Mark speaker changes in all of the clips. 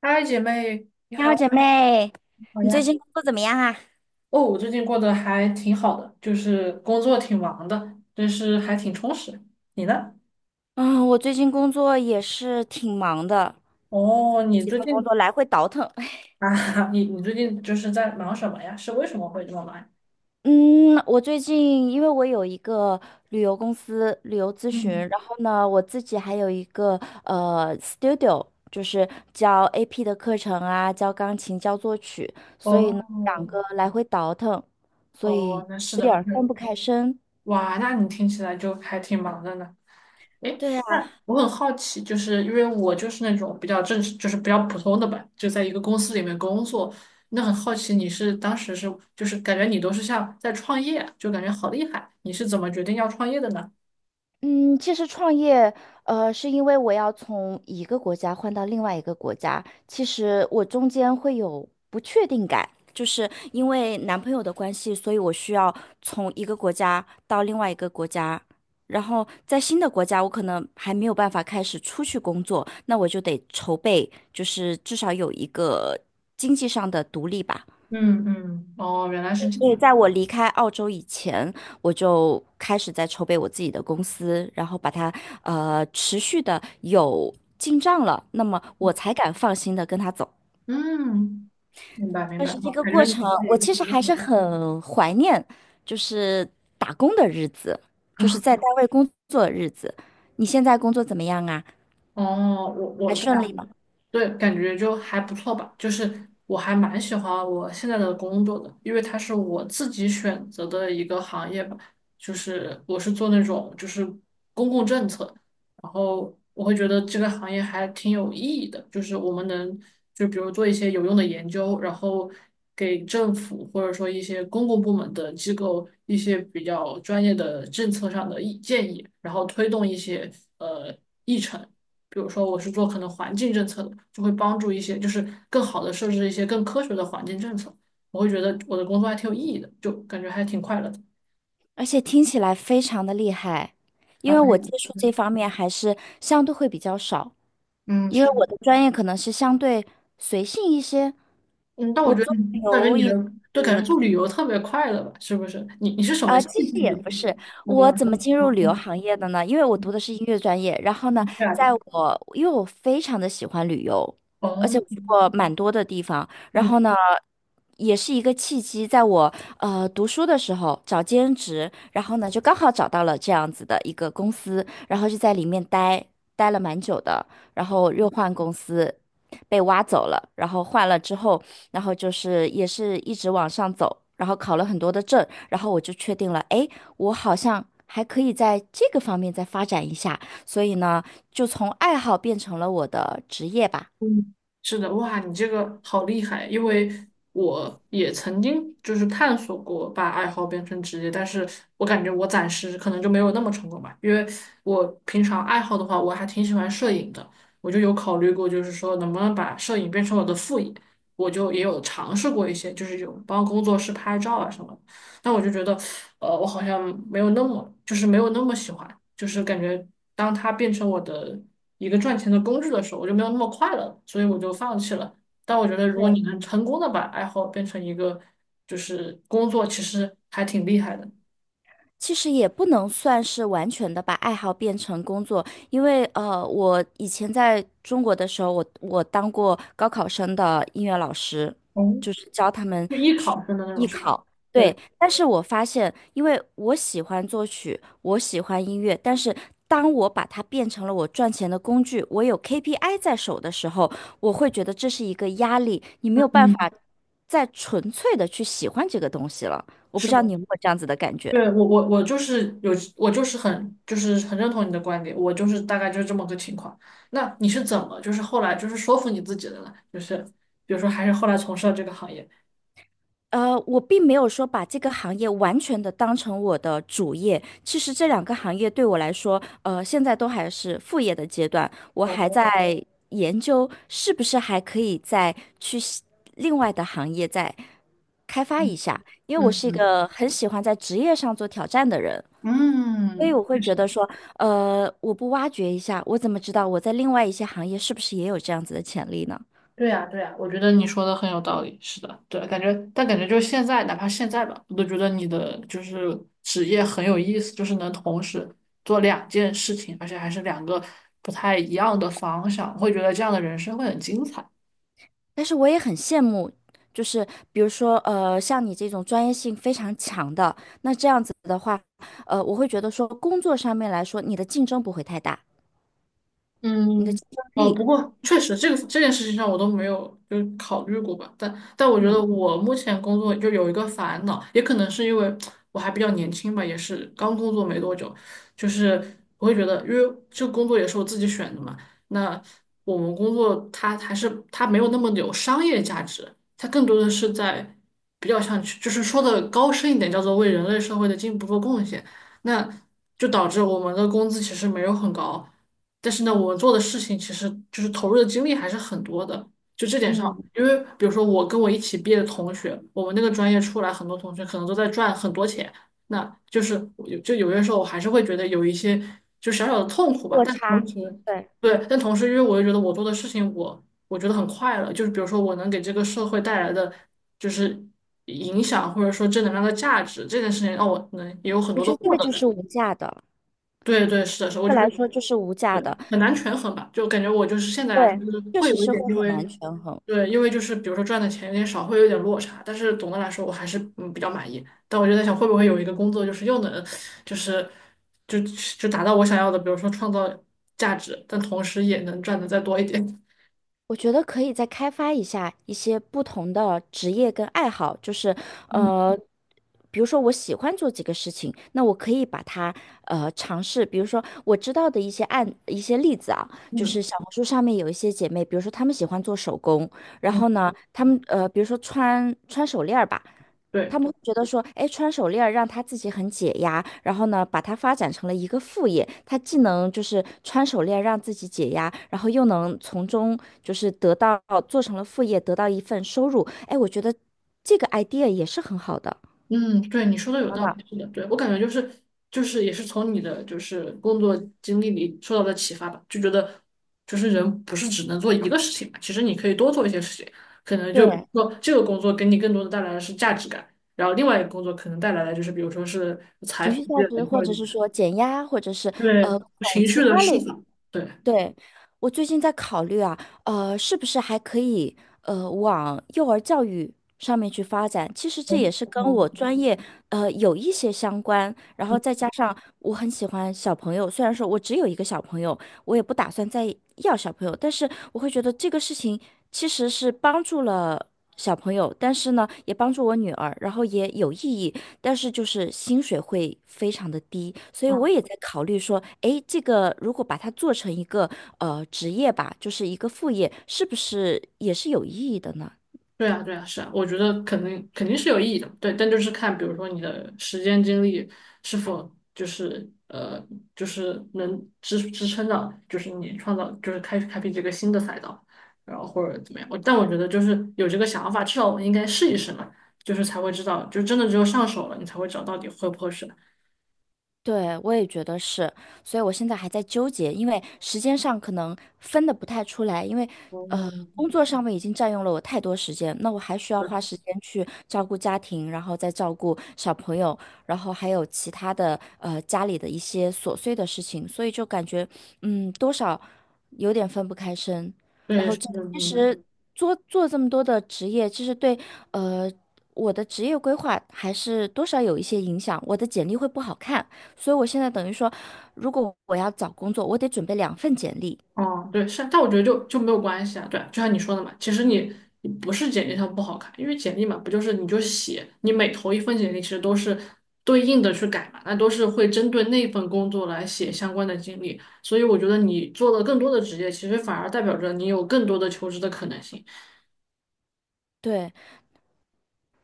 Speaker 1: 嗨，姐妹，你
Speaker 2: 你好，
Speaker 1: 好，
Speaker 2: 姐妹，
Speaker 1: 你好
Speaker 2: 你最
Speaker 1: 呀。
Speaker 2: 近工作怎么样啊？
Speaker 1: 哦，我最近过得还挺好的，就是工作挺忙的，但是还挺充实。你呢？
Speaker 2: 嗯，我最近工作也是挺忙的，
Speaker 1: 哦，你
Speaker 2: 几
Speaker 1: 最
Speaker 2: 份工
Speaker 1: 近
Speaker 2: 作来回倒腾。
Speaker 1: 啊。你最近就是在忙什么呀？是为什么会这么忙呀？
Speaker 2: 嗯，我最近因为我有一个旅游公司旅游咨询，
Speaker 1: 嗯，
Speaker 2: 然后呢，我自己还有一个studio，就是教 AP 的课程啊，教钢琴，教作曲，所以
Speaker 1: 哦，
Speaker 2: 呢，两个来回倒腾，所
Speaker 1: 哦，
Speaker 2: 以
Speaker 1: 那是
Speaker 2: 有点
Speaker 1: 的，
Speaker 2: 儿
Speaker 1: 对。
Speaker 2: 分不开身。
Speaker 1: 哇，那你听起来就还挺忙的呢。诶，
Speaker 2: 对。
Speaker 1: 那我很好奇，就是因为我就是那种比较正式，就是比较普通的吧，就在一个公司里面工作。那很好奇，你是当时是就是感觉你都是像在创业，就感觉好厉害。你是怎么决定要创业的呢？
Speaker 2: 嗯，其实创业，是因为我要从一个国家换到另外一个国家，其实我中间会有不确定感，就是因为男朋友的关系，所以我需要从一个国家到另外一个国家，然后在新的国家，我可能还没有办法开始出去工作，那我就得筹备，就是至少有一个经济上的独立吧。
Speaker 1: 嗯嗯哦，原来是这
Speaker 2: 因为
Speaker 1: 样。
Speaker 2: 在我离开澳洲以前，我就开始在筹备我自己的公司，然后把它持续的有进账了，那么我才敢放心的跟他走。
Speaker 1: 嗯，明白明
Speaker 2: 但
Speaker 1: 白，
Speaker 2: 是这个
Speaker 1: 感觉
Speaker 2: 过
Speaker 1: 你
Speaker 2: 程，
Speaker 1: 自己就是
Speaker 2: 我
Speaker 1: 一个
Speaker 2: 其实
Speaker 1: 很厉害
Speaker 2: 还
Speaker 1: 的
Speaker 2: 是
Speaker 1: 人。
Speaker 2: 很怀念，就是打工的日子，就是在 单位工作的日子。你现在工作怎么样啊？
Speaker 1: 哦，我
Speaker 2: 还
Speaker 1: 我对
Speaker 2: 顺利吗？
Speaker 1: 对，感觉就还不错吧。就是我还蛮喜欢我现在的工作的，因为它是我自己选择的一个行业吧。就是我是做那种就是公共政策，然后我会觉得这个行业还挺有意义的。就是我们能就比如做一些有用的研究，然后给政府或者说一些公共部门的机构一些比较专业的政策上的意建议，然后推动一些呃议程。比如说我是做可能环境政策的，就会帮助一些，就是更好的设置一些更科学的环境政策。我会觉得我的工作还挺有意义的，就感觉还挺快乐的。
Speaker 2: 而且听起来非常的厉害，因
Speaker 1: 慢
Speaker 2: 为
Speaker 1: 慢，
Speaker 2: 我接触这方面还是相对会比较少。
Speaker 1: 嗯，
Speaker 2: 因为
Speaker 1: 是的。
Speaker 2: 我的专业可能是相对随性一些，
Speaker 1: 嗯，但我
Speaker 2: 我
Speaker 1: 觉得
Speaker 2: 做
Speaker 1: 你，
Speaker 2: 旅
Speaker 1: 我感觉
Speaker 2: 游
Speaker 1: 你
Speaker 2: 也
Speaker 1: 的，就感觉
Speaker 2: 是
Speaker 1: 做旅游特别快乐吧，是不是？你是什么
Speaker 2: 啊，
Speaker 1: 兴
Speaker 2: 其实
Speaker 1: 趣决
Speaker 2: 也不
Speaker 1: 定？
Speaker 2: 是，
Speaker 1: 那就
Speaker 2: 我
Speaker 1: 让
Speaker 2: 怎么进入
Speaker 1: 我
Speaker 2: 旅游行业的呢？因为我读的是音乐专业，然后呢，
Speaker 1: 对啊对，
Speaker 2: 在我我非常的喜欢旅游，而且
Speaker 1: 哦，
Speaker 2: 我去过蛮多的地方，然
Speaker 1: 嗯
Speaker 2: 后呢，也是一个契机，在我读书的时候找兼职，然后呢就刚好找到了这样子的一个公司，然后就在里面待了蛮久的，然后又换公司，被挖走了，然后换了之后，然后就是也是一直往上走，然后考了很多的证，然后我就确定了，哎，我好像还可以在这个方面再发展一下，所以呢，就从爱好变成了我的职业吧。
Speaker 1: 嗯，是的。哇，你这个好厉害！因为我也曾经就是探索过把爱好变成职业，但是我感觉我暂时可能就没有那么成功吧。因为我平常爱好的话，我还挺喜欢摄影的，我就有考虑过，就是说能不能把摄影变成我的副业。我就也有尝试过一些，就是有帮工作室拍照啊什么的，但我就觉得，我好像没有那么，就是没有那么喜欢，就是感觉当它变成我的一个赚钱的工具的时候，我就没有那么快乐，所以我就放弃了。但我觉得，如果你能成功的把爱好变成一个就是工作，其实还挺厉害的。
Speaker 2: 其实也不能算是完全的把爱好变成工作，因为我以前在中国的时候，我当过高考生的音乐老师，
Speaker 1: 哦，
Speaker 2: 就是教他们
Speaker 1: 就艺
Speaker 2: 去
Speaker 1: 考生的那种，
Speaker 2: 艺
Speaker 1: 是吧？
Speaker 2: 考。
Speaker 1: 对。
Speaker 2: 对，但是我发现，因为我喜欢作曲，我喜欢音乐，但是当我把它变成了我赚钱的工具，我有 KPI 在手的时候，我会觉得这是一个压力，你没有办
Speaker 1: 嗯，
Speaker 2: 法再纯粹的去喜欢这个东西了。我不
Speaker 1: 是
Speaker 2: 知道
Speaker 1: 的。
Speaker 2: 你有没有这样子的感觉。
Speaker 1: 对，我就是有，我就是很认同你的观点，我就是大概就是这么个情况。那你是怎么就是后来就是说服你自己的呢？就是比如说还是后来从事了这个行业。
Speaker 2: 呃，我并没有说把这个行业完全的当成我的主业。其实这两个行业对我来说，现在都还是副业的阶段，我还
Speaker 1: 哦，
Speaker 2: 在研究是不是还可以再去西另外的行业再开发
Speaker 1: 嗯
Speaker 2: 一下，因为我是一
Speaker 1: 嗯
Speaker 2: 个很喜欢在职业上做挑战的人，所以
Speaker 1: 嗯，
Speaker 2: 我会
Speaker 1: 确
Speaker 2: 觉
Speaker 1: 实。
Speaker 2: 得说，我不挖掘一下，我怎么知道我在另外一些行业是不是也有这样子的潜力呢？
Speaker 1: 对呀，对呀，我觉得你说的很有道理。是的，对，感觉，但感觉就是现在，哪怕现在吧，我都觉得你的就是职业很有意思，就是能同时做两件事情，而且还是两个不太一样的方向，会觉得这样的人生会很精彩。
Speaker 2: 但是我也很羡慕，就是比如说，像你这种专业性非常强的，那这样子的话，我会觉得说，工作上面来说，你的竞争不会太大，你的
Speaker 1: 嗯，
Speaker 2: 竞争
Speaker 1: 哦，
Speaker 2: 力，
Speaker 1: 不过确实这个这件事情上我都没有就考虑过吧，但我觉得
Speaker 2: 嗯。
Speaker 1: 我目前工作就有一个烦恼，也可能是因为我还比较年轻吧，也是刚工作没多久，就是我会觉得，因为这个工作也是我自己选的嘛，那我们工作它还是它没有那么有商业价值，它更多的是在比较像就是说的高深一点，叫做为人类社会的进步做贡献，那就导致我们的工资其实没有很高。但是呢，我们做的事情其实就是投入的精力还是很多的。就这点上，
Speaker 2: 嗯，
Speaker 1: 因为比如说我跟我一起毕业的同学，我们那个专业出来很多同学可能都在赚很多钱，那就是我有就有些时候我还是会觉得有一些就小小的痛苦吧。
Speaker 2: 落
Speaker 1: 但是同
Speaker 2: 差，
Speaker 1: 时，
Speaker 2: 对，
Speaker 1: 对，但同时因为我又觉得我做的事情我觉得很快乐，就是比如说我能给这个社会带来的就是影响或者说正能量的价值这件事情，让我能也有很
Speaker 2: 我
Speaker 1: 多
Speaker 2: 觉
Speaker 1: 的
Speaker 2: 得这
Speaker 1: 获
Speaker 2: 个
Speaker 1: 得
Speaker 2: 就
Speaker 1: 感。
Speaker 2: 是无价的，
Speaker 1: 对对，是的，是的，我
Speaker 2: 这
Speaker 1: 就觉
Speaker 2: 来
Speaker 1: 得。
Speaker 2: 说就是无价的。
Speaker 1: 很很难权衡吧，就感觉我就是现在来说，
Speaker 2: 对，
Speaker 1: 就是
Speaker 2: 确
Speaker 1: 会
Speaker 2: 实
Speaker 1: 有一
Speaker 2: 是
Speaker 1: 点，
Speaker 2: 会
Speaker 1: 因
Speaker 2: 很
Speaker 1: 为
Speaker 2: 难权衡。
Speaker 1: 对，因为就是比如说赚的钱有点少，会有点落差，但是总的来说我还是比较满意。但我就在想，会不会有一个工作，就是又能就是就就达到我想要的，比如说创造价值，但同时也能赚的再多一点。
Speaker 2: 我觉得可以再开发一下一些不同的职业跟爱好，就是
Speaker 1: 嗯
Speaker 2: 呃，比如说我喜欢做几个事情，那我可以把它尝试，比如说我知道的一些例子啊，就是
Speaker 1: 嗯
Speaker 2: 小红书上面有一些姐妹，比如说她们喜欢做手工，然
Speaker 1: 嗯，
Speaker 2: 后呢，她们比如说穿手链儿吧。
Speaker 1: 对。
Speaker 2: 他们会觉得说，哎，穿手链儿让他自己很解压，然后呢，把它发展成了一个副业。他既能就是穿手链让自己解压，然后又能从中就是得到，做成了副业，得到一份收入。哎，我觉得这个 idea 也是很好的。
Speaker 1: 嗯，对，你说的有
Speaker 2: 真
Speaker 1: 道
Speaker 2: 的。
Speaker 1: 理，是的，对，我感觉就是也是从你的就是工作经历里受到的启发吧，就觉得就是人不是只能做一个事情嘛，其实你可以多做一些事情，可能就比
Speaker 2: 对，
Speaker 1: 如说这个工作给你更多的带来的是价值感，然后另外一个工作可能带来的就是比如说是财
Speaker 2: 情
Speaker 1: 富
Speaker 2: 绪
Speaker 1: 积
Speaker 2: 价值，
Speaker 1: 累
Speaker 2: 或
Speaker 1: 或者
Speaker 2: 者是说减压，或者是
Speaker 1: 对
Speaker 2: 从
Speaker 1: 情
Speaker 2: 其
Speaker 1: 绪的
Speaker 2: 他
Speaker 1: 释
Speaker 2: 类。
Speaker 1: 放，对，
Speaker 2: 对，我最近在考虑啊，是不是还可以往幼儿教育上面去发展？其实这
Speaker 1: 哦，
Speaker 2: 也是跟我
Speaker 1: 嗯，
Speaker 2: 专业有一些相关，然后再
Speaker 1: 嗯，
Speaker 2: 加上我很喜欢小朋友，虽然说我只有一个小朋友，我也不打算再要小朋友，但是我会觉得这个事情其实是帮助了小朋友，但是呢，也帮助我女儿，然后也有意义，但是就是薪水会非常的低，所以我也在考虑说，诶，这个如果把它做成一个职业吧，就是一个副业，是不是也是有意义的呢？
Speaker 1: 对啊，对啊，是啊，我觉得肯定肯定是有意义的，对，但就是看，比如说你的时间精力是否就是就是能支撑到，就是你创造，就是开辟这个新的赛道，然后或者怎么样。但我觉得就是有这个想法，至少我们应该试一试嘛，就是才会知道，就真的只有上手了，你才会知道到底合不合适。
Speaker 2: 对，我也觉得是，所以我现在还在纠结，因为时间上可能分的不太出来，因为
Speaker 1: 嗯，
Speaker 2: 工作上面已经占用了我太多时间，那我还需要
Speaker 1: 对，
Speaker 2: 花时间去照顾家庭，然后再照顾小朋友，然后还有其他的家里的一些琐碎的事情，所以就感觉多少有点分不开身。然
Speaker 1: 对，
Speaker 2: 后
Speaker 1: 是
Speaker 2: 这
Speaker 1: 的，
Speaker 2: 其
Speaker 1: 明白。
Speaker 2: 实做这么多的职业，其实对呃我的职业规划还是多少有一些影响，我的简历会不好看。所以我现在等于说，如果我要找工作，我得准备两份简历。
Speaker 1: 哦，对，是，但我觉得就没有关系啊。对啊，就像你说的嘛，其实你不是简历上不好看，因为简历嘛，不就是你就写，你每投一份简历，其实都是对应的去改嘛，那都是会针对那份工作来写相关的经历。所以我觉得你做了更多的职业，其实反而代表着你有更多的求职的可能性。
Speaker 2: 对。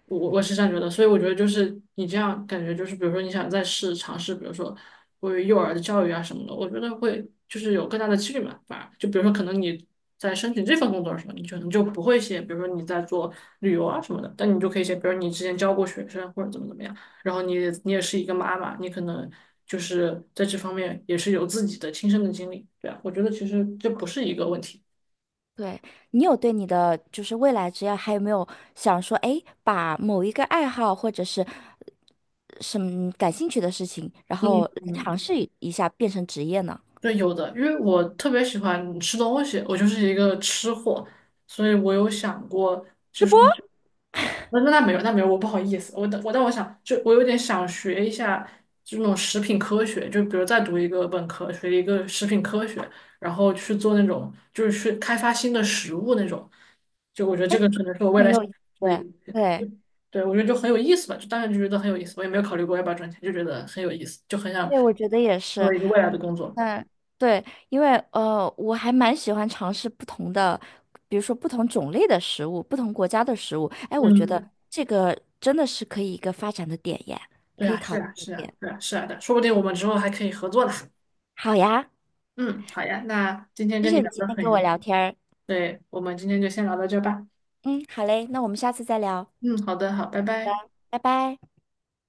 Speaker 1: 我是这样觉得，所以我觉得就是你这样感觉就是，比如说你想再尝试，比如说关于幼儿的教育啊什么的，我觉得会就是有更大的几率嘛，反而就比如说可能你在申请这份工作的时候，你可能就不会写，比如说你在做旅游啊什么的，但你就可以写，比如你之前教过学生或者怎么怎么样，然后你也是一个妈妈，你可能就是在这方面也是有自己的亲身的经历，对啊，我觉得其实这不是一个问题。
Speaker 2: 对，你有对你的就是未来职业还有没有想说，哎，把某一个爱好或者是什么感兴趣的事情，然后
Speaker 1: 嗯。
Speaker 2: 来尝试一下变成职业呢？
Speaker 1: 对，有的，因为我特别喜欢吃东西，我就是一个吃货，所以我有想过，
Speaker 2: 直播。
Speaker 1: 那那那没有，那没有，我不好意思，我但我但我想，就我有点想学一下这种食品科学，就比如再读一个本科，学一个食品科学，然后去做那种就是去开发新的食物那种，就我觉得这个可能是我未
Speaker 2: 很
Speaker 1: 来想
Speaker 2: 有意
Speaker 1: 的一
Speaker 2: 思。
Speaker 1: 个。
Speaker 2: 对。
Speaker 1: 对，我觉得就很有意思吧，就当时就觉得很有意思，我也没有考虑过要不要赚钱，就觉得很有意思，就很想
Speaker 2: 对，我觉得也
Speaker 1: 做
Speaker 2: 是。
Speaker 1: 一个未来的工作。
Speaker 2: 嗯，对，因为我还蛮喜欢尝试不同的，比如说不同种类的食物，不同国家的食物。哎，我觉得
Speaker 1: 嗯。
Speaker 2: 这个真的是可以一个发展的点耶，
Speaker 1: 对
Speaker 2: 可以
Speaker 1: 啊，是
Speaker 2: 考虑
Speaker 1: 啊，是
Speaker 2: 的
Speaker 1: 啊，
Speaker 2: 点。
Speaker 1: 是啊，是啊的，说不定我们之后还可以合作呢。
Speaker 2: 好呀，
Speaker 1: 嗯，好呀，那今天
Speaker 2: 谢
Speaker 1: 跟你
Speaker 2: 谢你
Speaker 1: 聊
Speaker 2: 今
Speaker 1: 得
Speaker 2: 天
Speaker 1: 很
Speaker 2: 跟我
Speaker 1: 愉，
Speaker 2: 聊天儿。
Speaker 1: 对，我们今天就先聊到这儿吧。
Speaker 2: 嗯，好嘞，那我们下次再聊，
Speaker 1: 嗯，好的，好，拜拜。
Speaker 2: 拜拜。